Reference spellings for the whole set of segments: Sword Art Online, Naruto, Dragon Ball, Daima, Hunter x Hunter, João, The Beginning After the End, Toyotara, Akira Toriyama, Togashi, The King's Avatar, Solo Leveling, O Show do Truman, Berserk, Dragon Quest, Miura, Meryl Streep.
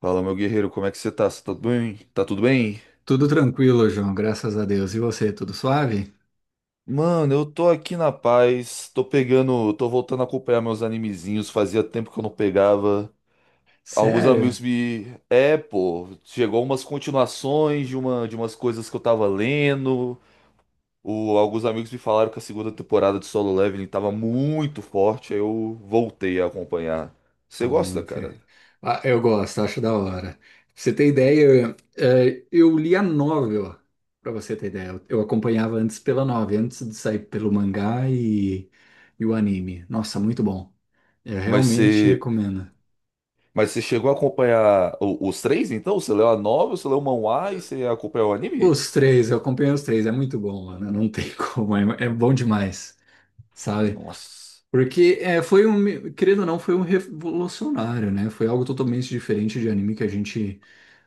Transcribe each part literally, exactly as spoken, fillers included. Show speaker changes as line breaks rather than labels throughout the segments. Fala, meu guerreiro, como é que você tá? Você tá tudo bem? Tá tudo bem?
Tudo tranquilo, João, graças a Deus. E você, tudo suave?
Mano, eu tô aqui na paz, tô pegando, tô voltando a acompanhar meus animezinhos, fazia tempo que eu não pegava. Alguns
Sério?
amigos me. É, pô, chegou umas continuações de, uma, de umas coisas que eu tava lendo. O, alguns amigos me falaram que a segunda temporada de Solo Leveling tava muito forte, aí eu voltei a acompanhar. Você
Tá
gosta,
muito.
cara?
Ah, eu gosto, acho da hora. Pra você ter ideia, eh, eu li a novel, pra você ter ideia. Eu eu acompanhava antes pela novel, antes de sair pelo mangá e, e o anime. Nossa, muito bom. Eu
Mas
realmente
você.
recomendo.
Mas você chegou a acompanhar o- os três, então? Você leu a novela, você leu o manhwa e você acompanhou o
O-
anime?
Os três, eu acompanhei os três, é muito bom, mano. Não tem como, é, é bom demais, sabe?
Nossa.
Porque é, foi um, querendo ou não, foi um revolucionário, né? Foi algo totalmente diferente de anime que a gente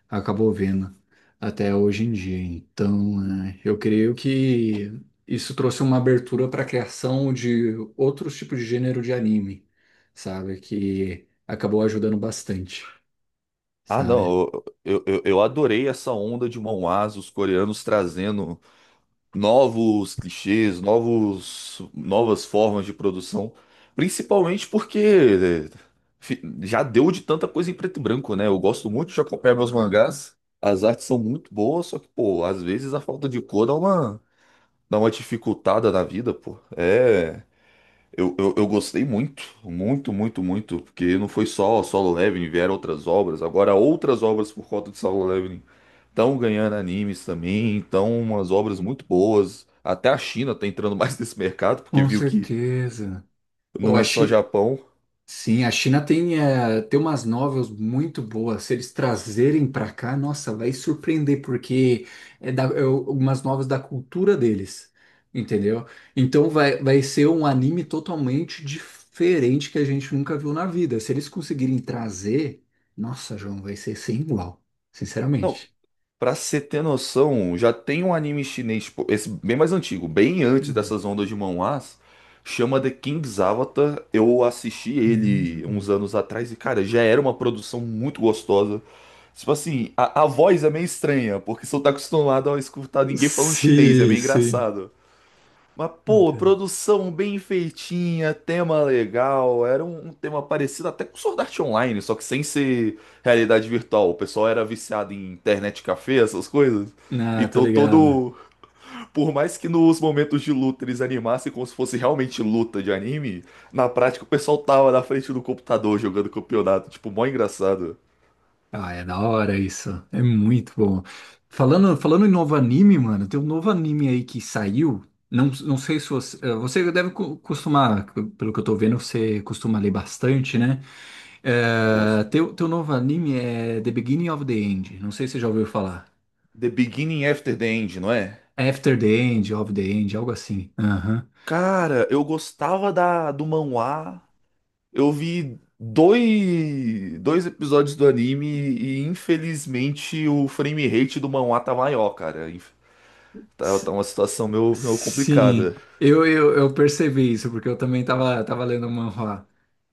acabou vendo até hoje em dia. Então, né, eu creio que isso trouxe uma abertura para a criação de outros tipos de gênero de anime, sabe? Que acabou ajudando bastante,
Ah,
sabe?
não, eu, eu, eu adorei essa onda de manhwas, os coreanos trazendo novos clichês, novos, novas formas de produção. Principalmente porque é, fi- já deu de tanta coisa em preto e branco, né? Eu gosto muito de acompanhar meus mangás. As artes são muito boas, só que, pô, às vezes a falta de cor dá uma, dá uma dificultada na vida, pô. É. Eu, eu, eu gostei muito, muito, muito, muito, porque não foi só Solo Leveling, vieram outras obras, agora outras obras por conta de Solo Leveling estão ganhando animes também, então umas obras muito boas. Até a China tá entrando mais nesse mercado, porque
Com
viu que
certeza. Pô,
não
a,
é só
Chi-
Japão.
Sim, a China tem, eh, tem umas novels muito boas. Se eles trazerem para cá, nossa, vai surpreender, porque é, da, é o- umas novels da cultura deles, entendeu? Então vai, vai ser um anime totalmente diferente que a gente nunca viu na vida. Se eles conseguirem trazer, nossa, João, vai ser sem igual,
Não,
sinceramente.
pra você ter noção, já tem um anime chinês, tipo, esse bem mais antigo, bem antes
Hum.
dessas ondas de manhwas, chama The King's Avatar. Eu assisti ele
Hum.
uns anos atrás e, cara, já era uma produção muito gostosa. Tipo assim, a, a voz é meio estranha, porque você não tá acostumado a escutar ninguém falando chinês, é
Sim,
meio
sim.
engraçado. Mas, pô,
Entendo.
produção bem feitinha, tema legal, era um, um tema parecido até com Sword Art Online, só que sem ser realidade virtual. O pessoal era viciado em internet café, essas coisas.
Ah, tô
Então
ligado.
todo. Por mais que nos momentos de luta eles animassem como se fosse realmente luta de anime, na prática o pessoal tava na frente do computador jogando campeonato, tipo, mó engraçado.
Ah, é da hora isso. É muito bom. Falando, falando em novo anime, mano, tem um novo anime aí que saiu. Não, não sei se você, eh, você deve co- costumar, pelo que eu tô vendo, você costuma ler bastante, né? Eh,
Gosto.
teu, teu novo anime é The Beginning of the End. Não sei se você já ouviu falar.
The Beginning After the End, não é?
After the End, of the End, algo assim. Aham.
Cara, eu gostava da, do manhwa. Eu vi dois, dois episódios do anime e infelizmente o frame rate do manhwa tá maior, cara. Inf- Tá, tá
S-
uma situação meio, meio
Sim,
complicada.
eu, eu, eu percebi isso, porque eu também tava, tava lendo o manhwa.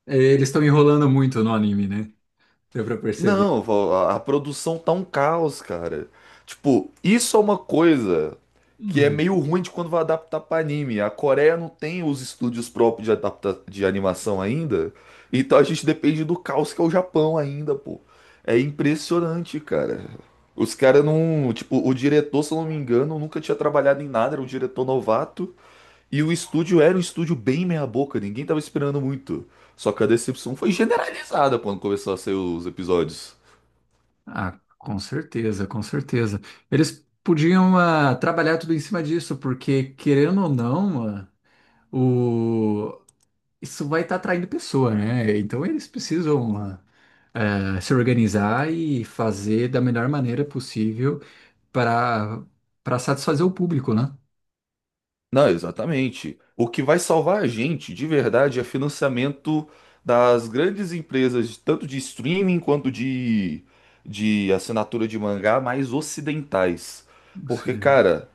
Eh, Eles estão enrolando muito no anime, né? Deu pra perceber.
Não, vô, a a produção tá um caos, cara. Tipo, isso é uma coisa que é meio ruim de quando vai adaptar pra anime. A Coreia não tem os estúdios próprios de adapta de animação ainda, então a gente depende do caos que é o Japão ainda, pô. É impressionante, cara. Os caras não, tipo, o diretor, se eu não me engano, nunca tinha trabalhado em nada, era um diretor novato. E o estúdio era um estúdio bem meia-boca, ninguém tava esperando muito. Só que a decepção foi generalizada quando começou a sair os episódios.
Ah, com certeza, com certeza. Eles podiam ah, trabalhar tudo em cima disso, porque querendo ou não, ah, o... isso vai estar atraindo pessoa, né? Então eles precisam ah, ah, se organizar e fazer da melhor maneira possível para para satisfazer o público, né?
Não, exatamente. O que vai salvar a gente, de verdade, é financiamento das grandes empresas, tanto de streaming quanto de, de assinatura de mangá, mais ocidentais.
Você-
Porque, cara,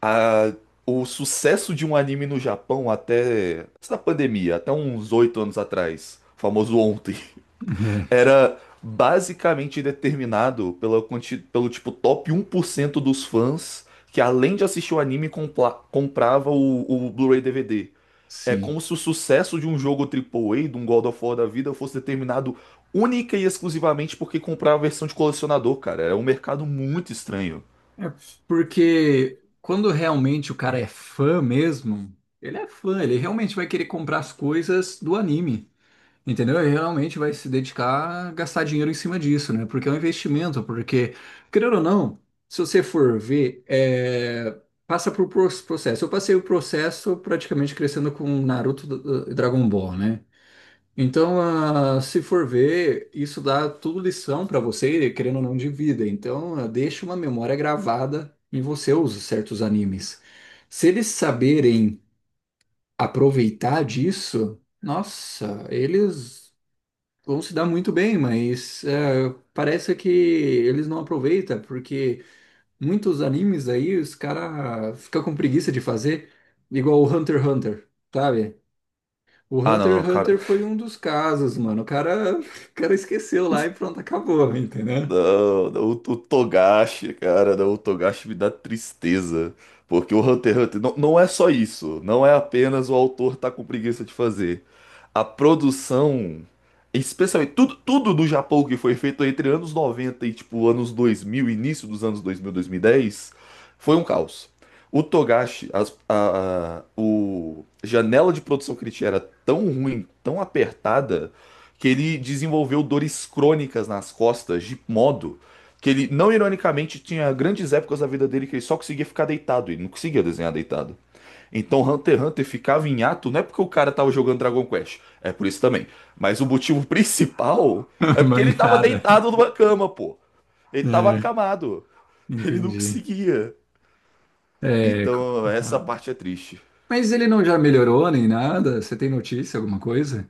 a- o sucesso de um anime no Japão até antes da pandemia, até uns oito anos atrás, famoso ontem. Era basicamente determinado pela quanti- pelo tipo top um por cento dos fãs que além de assistir o anime compla- comprava o, o Blu-ray D V D. É
Sim.
como se o sucesso de um jogo A A A, de um God of War da vida, fosse determinado única e exclusivamente porque comprava a versão de colecionador, cara. É um mercado muito estranho.
É porque quando realmente o cara é fã mesmo, ele é fã, ele realmente vai querer comprar as coisas do anime. Entendeu? E realmente vai se dedicar a gastar dinheiro em cima disso, né? Porque é um investimento, porque, querendo ou não, se você for ver, é, passa por pro- processo. Eu passei o processo praticamente crescendo com Naruto e Dragon Ball, né? Então, ah, se for ver, isso dá tudo lição para você, querendo ou não, de vida. Então, ah, deixa uma memória gravada em você, os certos animes. Se eles saberem aproveitar disso, nossa, eles vão se dar muito bem, mas é, parece que eles não aproveitam, porque muitos animes aí os caras ficam com preguiça de fazer, igual o Hunter x Hunter, sabe? O
Ah, não,
Hunter
não,
x
cara.
Hunter foi um dos casos, mano. O cara, o cara esqueceu lá e pronto, acabou, entendeu?
Não, não, o, o Togashi, cara, não, o Togashi me dá tristeza. Porque o Hunter x Hunter não, não é só isso. Não é apenas o autor tá com preguiça de fazer. A produção, especialmente tudo, tudo do Japão que foi feito entre anos noventa e tipo anos dois mil início dos anos dois mil, dez foi um caos. O Togashi, as- a, a, o a janela de produção que ele tinha era tão ruim, tão apertada que ele desenvolveu dores crônicas nas costas, de modo que ele, não ironicamente, tinha grandes épocas da vida dele que ele só conseguia ficar deitado, ele não conseguia desenhar deitado. Então Hunter x Hunter ficava em ato, não é porque o cara tava jogando Dragon Quest, é por isso também. Mas o motivo principal é porque ele tava
Mangada.
deitado numa cama, pô. Ele tava
É,
acamado. Ele não
entendi.
conseguia.
É, co-
Então essa
ah,
parte é triste.
mas ele não já melhorou nem nada? Você tem notícia, alguma coisa?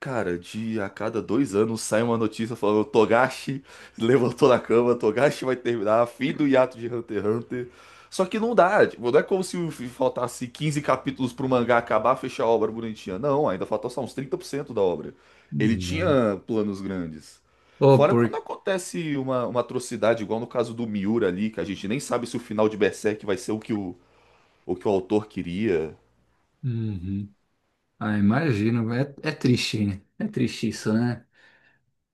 Cara, de a cada dois anos sai uma notícia falando Togashi levantou da cama, Togashi vai terminar, fim do hiato de Hunter x Hunter. Só que não dá, tipo, não é como se faltasse quinze capítulos pro mangá acabar, fechar a obra bonitinha. Não, ainda faltou só uns trinta por cento da obra. Ele
Né.
tinha planos grandes.
Oh,
Fora quando
por...
acontece uma, uma atrocidade, igual no caso do Miura ali, que a gente nem sabe se o final de Berserk vai ser o que o, o que o autor queria.
Uhum. Ah, imagino. É, é triste. Hein? É triste isso, né?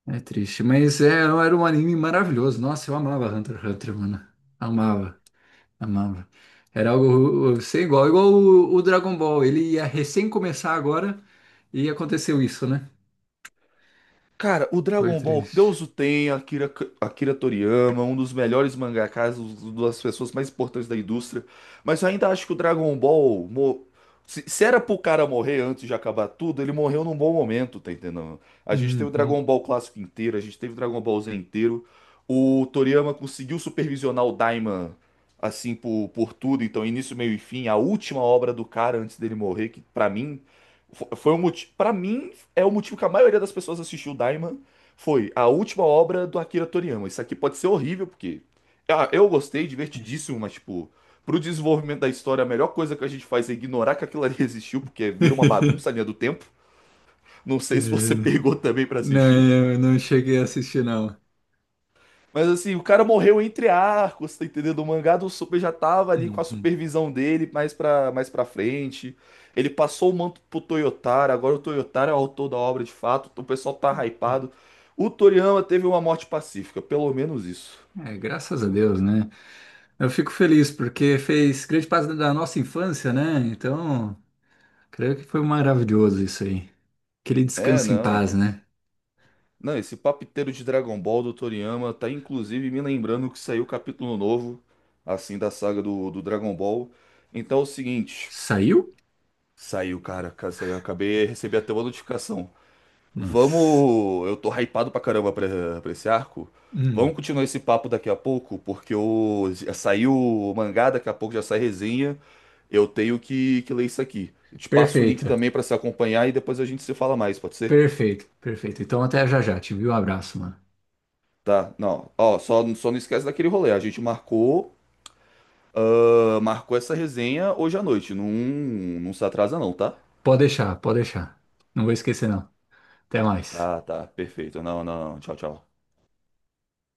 É triste. Mas é, era um anime maravilhoso. Nossa, eu amava Hunter x Hunter, mano. Amava, amava. Era algo sem igual. Igual o, o Dragon Ball. Ele ia recém começar agora e aconteceu isso, né?
Cara, o
Foi
Dragon Ball,
triste.
Deus o tenha, Akira, Akira Toriyama, um dos melhores mangakas, uma das pessoas mais importantes da indústria. Mas eu ainda acho que o Dragon Ball. mo- Se, se era pro cara morrer antes de acabar tudo, ele morreu num bom momento, tá entendendo? A gente teve o Dragon
Uhum.
Ball clássico inteiro, a gente teve o Dragon Ball Z inteiro. O Toriyama conseguiu supervisionar o Daima, assim, por, por tudo. Então, início, meio e fim, a última obra do cara antes dele morrer, que pra mim. fo- Foi um motivo. Pra mim é o motivo que a maioria das pessoas assistiu Daima foi a última obra do Akira Toriyama. Isso aqui pode ser horrível, porque ah, eu gostei, divertidíssimo, mas tipo, pro desenvolvimento da história, a melhor coisa que a gente faz é ignorar que aquilo ali existiu, porque vira uma bagunça a linha do tempo. Não sei se você
Imagina.
pegou também pra assistir.
Não, eu não cheguei a assistir, não.
Mas assim, o cara morreu entre arcos, tá entendendo? O mangá do Super já tava ali com a
Uhum.
supervisão dele mais pra, mais pra frente. Ele passou o manto pro Toyotara, agora o Toyotara é o autor da obra de fato, o pessoal tá hypado. O Toriyama teve uma morte pacífica, pelo menos isso.
É, graças a Deus, né? Eu fico feliz porque fez grande parte da nossa infância, né? Então. Creio que foi maravilhoso isso aí. Que ele
É,
descanse em
não.
paz, né?
Não, esse papiteiro de Dragon Ball do Toriyama tá inclusive me lembrando que saiu o capítulo novo, assim, da saga do, do Dragon Ball. Então é o seguinte,
Saiu?
saiu, cara, cara, saiu, acabei, recebi até uma notificação.
Nossa.
Vamos. Eu tô hypado pra caramba pra, pra esse arco.
Hum,
Vamos continuar esse papo daqui a pouco, porque o... Já saiu o mangá, daqui a pouco já sai resenha. Eu tenho que, que ler isso aqui. Eu te passo o link
perfeito.
também pra se acompanhar e depois a gente se fala mais, pode ser?
Perfeito, perfeito. Então até já já, te viu? Um abraço, mano.
Tá, não. Ó, só, só não esquece daquele rolê. A gente marcou, ah, marcou essa resenha hoje à noite. Não, não se atrasa, não, tá?
Pode deixar, pode deixar. Não vou esquecer, não. Até mais.
Tá, tá, perfeito. Não, não, não. Tchau, tchau.